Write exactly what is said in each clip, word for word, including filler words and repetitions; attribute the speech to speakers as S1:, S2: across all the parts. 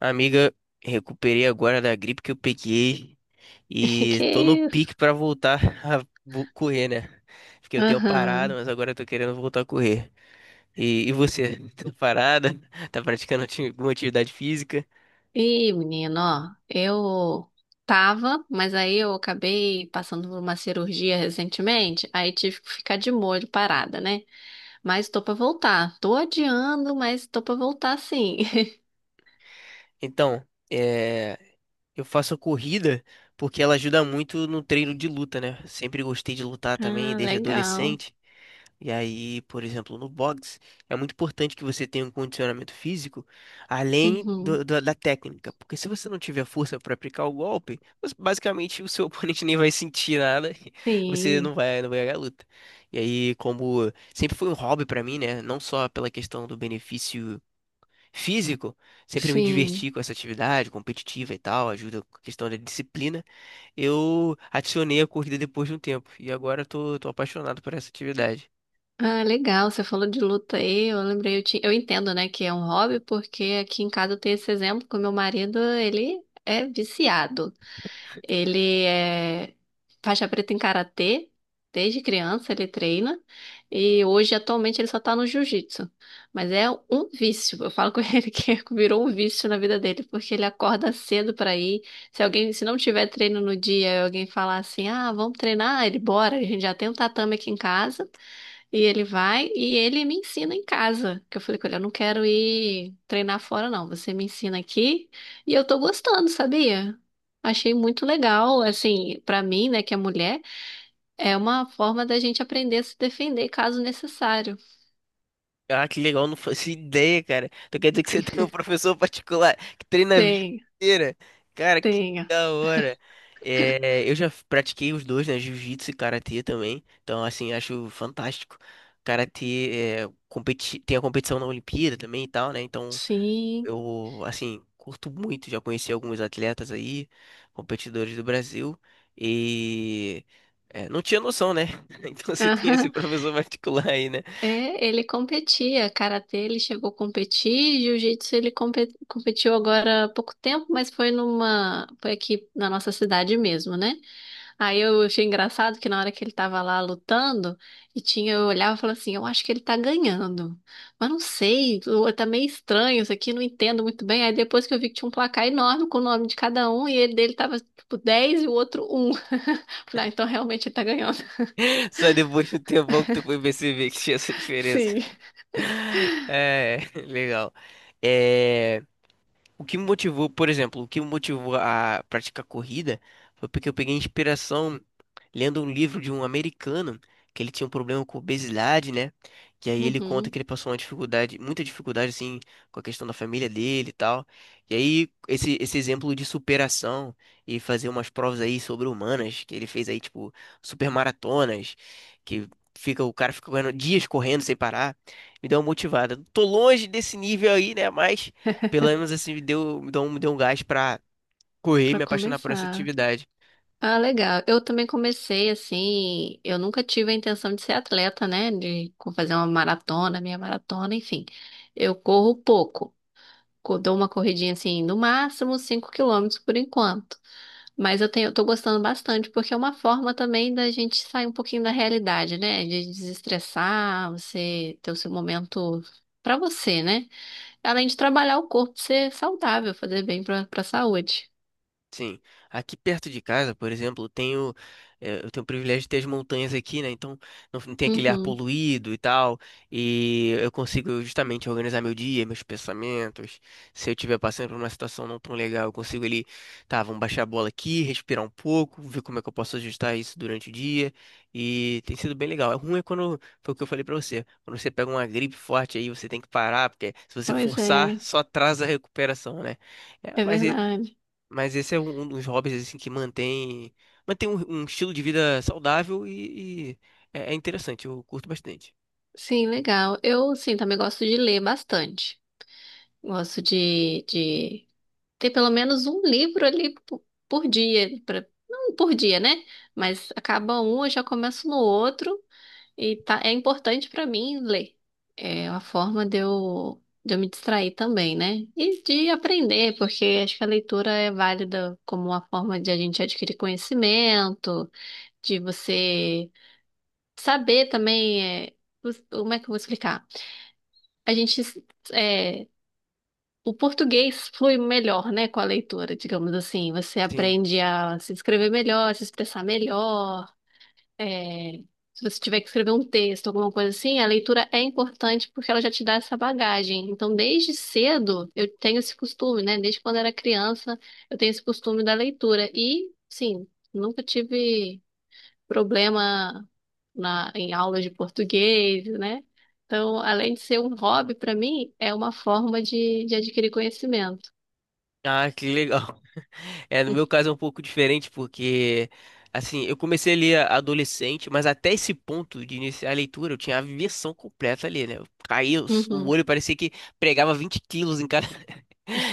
S1: Amiga, recuperei agora da gripe que eu peguei
S2: Que que
S1: e
S2: é
S1: tô no pique
S2: isso?
S1: pra voltar a vo- correr, né? Fiquei um tempo parado,
S2: Aham.
S1: mas agora eu tô querendo voltar a correr. E, e você, tá parada? Tá praticando ati- alguma atividade física?
S2: E, menino, ó, eu tava, mas aí eu acabei passando por uma cirurgia recentemente, aí tive que ficar de molho parada, né? Mas tô pra voltar. Tô adiando, mas tô pra voltar sim.
S1: Então, é, eu faço a corrida porque ela ajuda muito no treino de luta, né? Sempre gostei de lutar também,
S2: Ah,
S1: desde
S2: legal.
S1: adolescente. E aí, por exemplo, no boxe, é muito importante que você tenha um condicionamento físico além
S2: Uhum.
S1: do- do- da técnica, porque se você não tiver força para aplicar o golpe, você- basicamente o seu oponente nem vai sentir nada, e você
S2: Sim,
S1: não vai, não vai ganhar a luta. E aí, como sempre foi um hobby para mim, né, não só pela questão do benefício físico, sempre me
S2: sim.
S1: diverti com essa atividade competitiva e tal, ajuda com a questão da disciplina, eu adicionei a corrida depois de um tempo, e agora eu tô, tô apaixonado por essa atividade.
S2: Ah, legal, você falou de luta aí, eu lembrei, eu, ti- eu entendo, né, que é um hobby, porque aqui em casa eu tenho esse exemplo, que o meu marido, ele é viciado. Ele é faixa preta em karatê, desde criança ele treina, e hoje, atualmente, ele só tá no jiu-jitsu. Mas é um vício, eu falo com ele que virou um vício na vida dele, porque ele acorda cedo pra ir, se alguém, se não tiver treino no dia, e alguém falar assim, ah, vamos treinar, ele bora, a gente já tem um tatame aqui em casa, e ele vai e ele me ensina em casa. Que eu falei com ele, eu não quero ir treinar fora, não. Você me ensina aqui e eu tô gostando, sabia? Achei muito legal, assim, pra mim, né, que é mulher, é uma forma da gente aprender a se defender caso necessário.
S1: Ah, que legal, não faço ideia, cara. Então quer dizer que você tem um professor particular que treina a vida
S2: Tem,
S1: inteira. Cara, que
S2: tenha.
S1: da hora. É, eu já pratiquei os dois, né? Jiu-jitsu e karatê também. Então, assim, acho fantástico. Karatê é, competi tem a competição na Olimpíada também e tal, né? Então,
S2: Sim.
S1: eu, assim, curto muito. Já conheci alguns atletas aí, competidores do Brasil. E é, não tinha noção, né? Então, você tem esse
S2: Aham.
S1: professor particular aí, né?
S2: É, ele competia, karatê, ele chegou a competir, jiu-jitsu ele compe- competiu agora há pouco tempo, mas foi numa, foi aqui na nossa cidade mesmo, né? Aí eu achei engraçado que na hora que ele tava lá lutando, e tinha, eu olhava e falava assim, eu acho que ele tá ganhando. Mas não sei, eu- tá meio estranho isso aqui, não entendo muito bem. Aí depois que eu vi que tinha um placar enorme com o nome de cada um, e ele dele tava tipo dez e o outro um, falei, ah, então realmente ele tá ganhando.
S1: Só depois de um tempão que tu foi perceber que tinha essa diferença.
S2: Sim.
S1: É, legal. É. O que me motivou, por exemplo, o que me motivou a praticar corrida foi porque eu peguei inspiração lendo um livro de um americano que ele tinha um problema com obesidade, né? Que aí ele conta que
S2: Uhum,
S1: ele passou uma dificuldade, muita dificuldade assim, com a questão da família dele e tal. E aí esse esse exemplo de superação e fazer umas provas aí sobre-humanas que ele fez aí tipo supermaratonas, que fica o cara fica correndo dias correndo sem parar, me deu uma motivada. Tô longe desse nível aí, né? Mas pelo menos assim, me deu, me deu um, me deu um gás pra correr e
S2: pra
S1: me apaixonar por essa
S2: começar.
S1: atividade.
S2: Ah, legal. Eu também comecei assim, eu nunca tive a intenção de ser atleta, né? De fazer uma maratona, minha maratona, enfim. Eu corro pouco. Co- dou uma corridinha assim, no máximo cinco quilômetros por enquanto. Mas eu tenho, eu tô gostando bastante, porque é uma forma também da gente sair um pouquinho da realidade, né? De desestressar, você ter o seu momento pra você, né? Além de trabalhar o corpo, ser saudável, fazer bem pra, pra saúde.
S1: Sim. Aqui perto de casa, por exemplo, tenho, eh, eu tenho o privilégio de ter as montanhas aqui, né? Então não, não tem aquele ar
S2: Uhum.
S1: poluído e tal. E eu consigo justamente organizar meu dia, meus pensamentos. Se eu estiver passando por uma situação não tão legal, eu consigo ali, tá, vamos baixar a bola aqui, respirar um pouco, ver como é que eu posso ajustar isso durante o dia. E tem sido bem legal. É ruim é quando, foi o que eu falei pra você, quando você pega uma gripe forte aí, você tem que parar, porque se você
S2: Pois é,
S1: forçar, só atrasa a recuperação, né? É,
S2: é
S1: mas
S2: verdade.
S1: mas esse é um dos hobbies assim que mantém mantém um, um estilo de vida saudável e, e é, é interessante, eu curto bastante.
S2: Sim, legal. Eu, sim, também gosto de ler bastante. Gosto de, de ter pelo menos um livro ali po- por dia, pra- não por dia, né? Mas acaba um, eu já começo no outro e tá, é importante para mim ler. É uma forma de eu, de eu me distrair também, né? E de aprender, porque acho que a leitura é válida como uma forma de a gente adquirir conhecimento, de você saber também, é, os- como é que eu vou explicar? A gente, é, o português flui melhor, né, com a leitura, digamos assim. Você
S1: Sim.
S2: aprende a se escrever melhor, se expressar melhor. é, Se você tiver que escrever um texto, alguma coisa assim, a leitura é importante porque ela já te dá essa bagagem. Então, desde cedo, eu tenho esse costume, né? Desde quando era criança, eu tenho esse costume da leitura. E, sim, nunca tive problema na, em aulas de português, né? Então, além de ser um hobby, para mim, é uma forma de, de adquirir conhecimento.
S1: Ah, que legal. É, no meu caso é um pouco diferente porque assim, eu comecei a ler adolescente, mas até esse ponto de iniciar a leitura eu tinha aversão completa ali, né? Eu caía, o
S2: Uhum.
S1: olho parecia que pregava vinte quilos em cada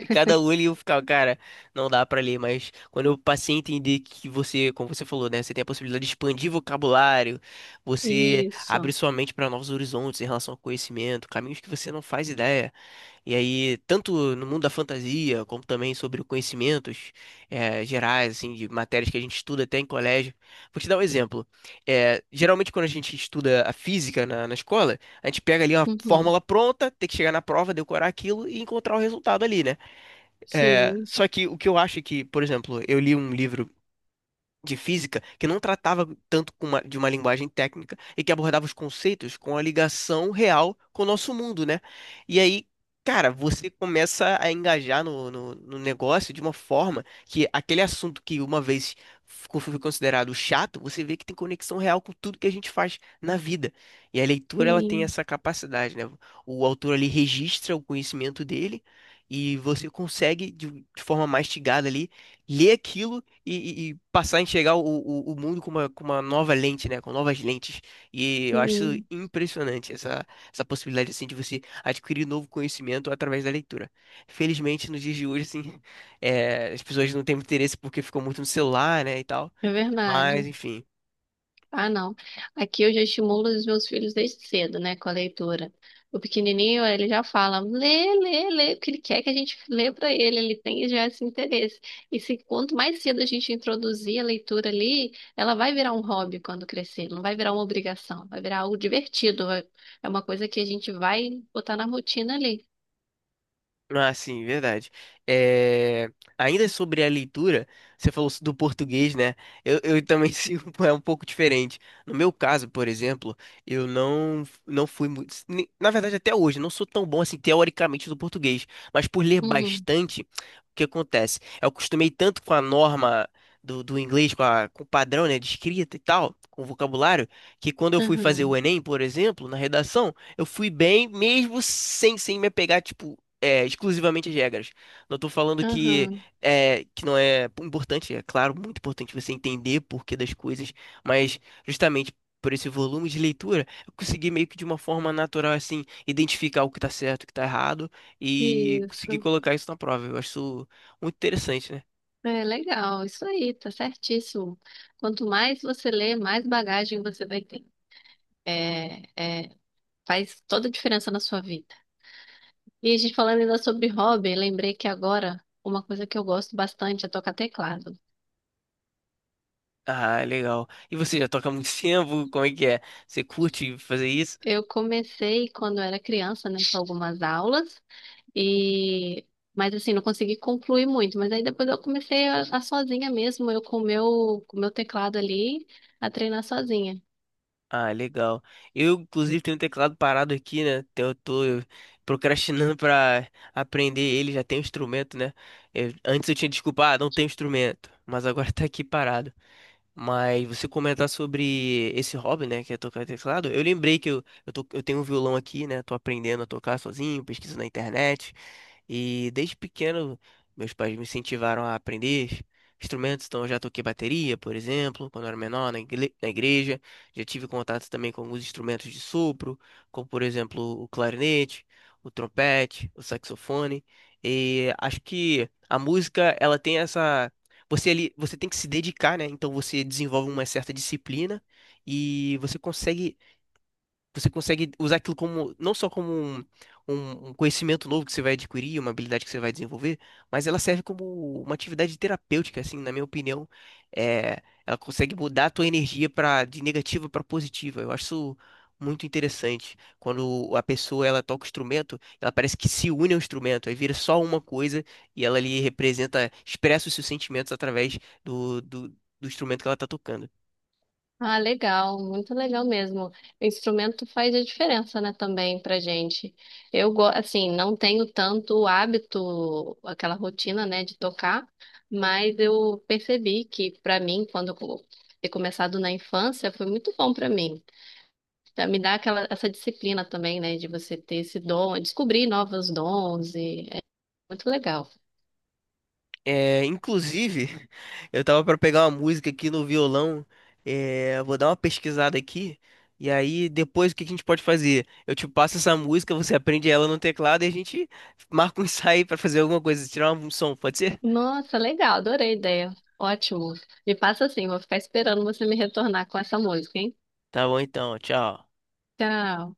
S1: E cada olho eu ficava, cara, não dá pra ler, mas quando eu passei a entender que você, como você falou, né, você tem a possibilidade de expandir vocabulário, você abre
S2: Isso.
S1: sua mente pra novos horizontes em relação ao conhecimento, caminhos que você não faz ideia. E aí, tanto no mundo da fantasia, como também sobre conhecimentos eh, gerais, assim, de matérias que a gente estuda até em colégio. Vou te dar um exemplo. Eh, geralmente, quando a gente estuda a física na, na escola, a gente pega ali uma
S2: Uhum.
S1: fórmula pronta, tem que chegar na prova, decorar aquilo e encontrar o resultado ali, né? É,
S2: Sim,
S1: só que o que eu acho é que, por exemplo, eu li um livro de física que não tratava tanto com uma- de uma linguagem técnica e que abordava os conceitos com a ligação real com o nosso mundo, né? E aí, cara, você começa a engajar no, no, no negócio de uma forma que aquele assunto que uma vez ficou- foi considerado chato, você vê que tem conexão real com tudo que a gente faz na vida. E a leitura, ela tem
S2: sim,
S1: essa capacidade, né? O autor ali registra o conhecimento dele e você consegue, de de forma mastigada ali, ler aquilo e, e- e passar a enxergar o, o, o mundo com uma, com uma nova lente, né? Com novas lentes. E eu acho
S2: sim.
S1: impressionante essa, essa possibilidade, assim, de você adquirir novo conhecimento através da leitura. Felizmente, nos dias de hoje, assim, é, as pessoas não têm muito interesse porque ficam muito no celular, né, e tal.
S2: É verdade.
S1: Mas, enfim.
S2: Ah, não. Aqui eu já estimulo os meus filhos desde cedo, né, com a leitura. O pequenininho, ele já fala, lê, lê, lê, porque ele quer que a gente lê para ele, ele tem já esse interesse. E se quanto mais cedo a gente introduzir a leitura ali, ela vai virar um hobby quando crescer, não vai virar uma obrigação, vai virar algo divertido, vai- é uma coisa que a gente vai botar na rotina ali.
S1: Ah, sim, verdade. É, ainda sobre a leitura, você falou do português, né? Eu, eu também sigo é um pouco diferente. No meu caso, por exemplo, eu não, não fui muito. ni- Na verdade, até hoje, eu não sou tão bom assim, teoricamente, do português. Mas por ler
S2: Uhum,
S1: bastante, o que acontece? Eu acostumei tanto com a norma do, do inglês, com, a, com o padrão, né, de escrita e tal, com o vocabulário, que quando eu fui fazer o
S2: uhum,
S1: Enem, por exemplo, na redação, eu fui bem, mesmo sem, sem me apegar, tipo é, exclusivamente as regras. Não estou falando que
S2: uhum.
S1: é, que não é importante, é claro, muito importante você entender o porquê das coisas, mas justamente por esse volume de leitura, eu consegui meio que de uma forma natural, assim, identificar o que tá certo, o que tá errado e conseguir
S2: Isso.
S1: colocar isso na prova. Eu acho isso muito interessante, né?
S2: É legal, isso aí, tá certíssimo. Quanto mais você lê, mais bagagem você vai ter. É, é, Faz toda a diferença na sua vida. E a gente falando ainda sobre hobby, lembrei que agora uma coisa que eu gosto bastante é tocar teclado.
S1: Ah, legal. E você já toca há muito tempo? Como é que é? Você curte fazer isso?
S2: Eu comecei quando eu era criança, né, com algumas aulas e mas assim, não consegui concluir muito, mas aí depois eu comecei a, a sozinha mesmo, eu com o meu, com o meu teclado ali, a treinar sozinha.
S1: Ah, legal. Eu, inclusive, tenho um teclado parado aqui, né? Então eu tô procrastinando pra aprender ele, já tem um instrumento, né? Eu- antes eu tinha desculpa, ah, não tem instrumento, mas agora tá aqui parado. Mas você comentar sobre esse hobby, né, que é tocar teclado, eu lembrei que eu, eu, tô- eu tenho um violão aqui, né? Tô aprendendo a tocar sozinho, pesquiso na internet. E desde pequeno, meus pais me incentivaram a aprender instrumentos, então eu já toquei bateria, por exemplo, quando eu era menor, na igle- na igreja. Já tive contato também com alguns instrumentos de sopro, como por exemplo o clarinete, o trompete, o saxofone. E acho que a música, ela tem essa. Você ali, você tem que se dedicar, né? Então você desenvolve uma certa disciplina e você consegue você consegue usar aquilo como, não só como um, um- um conhecimento novo que você vai adquirir, uma habilidade que você vai desenvolver, mas ela serve como uma atividade terapêutica, assim, na minha opinião. É, ela consegue mudar a tua energia para de negativa para positiva. Eu acho isso muito interessante. Quando a pessoa ela toca o instrumento, ela parece que se une ao instrumento, aí vira só uma coisa e ela ali representa, expressa os seus sentimentos através do, do do instrumento que ela está tocando.
S2: Ah, legal, muito legal mesmo. O instrumento faz a diferença, né, também pra gente. Eu, go- assim, não tenho tanto o hábito, aquela rotina, né, de tocar, mas eu percebi que pra mim, quando eu co- ter começado na infância, foi muito bom pra mim. Tá, me dá aquela essa disciplina também, né, de você ter esse dom, descobrir novos dons e é muito legal.
S1: É, inclusive, eu tava pra pegar uma música aqui no violão. É, eu vou dar uma pesquisada aqui. E aí, depois, o que que a gente pode fazer? Eu te passo essa música, você aprende ela no teclado e a gente marca um ensaio pra fazer alguma coisa, tirar um som, pode ser?
S2: Nossa, legal, adorei a ideia. Ótimo. Me passa assim, vou ficar esperando você me retornar com essa música, hein?
S1: Tá bom então, tchau.
S2: Tchau.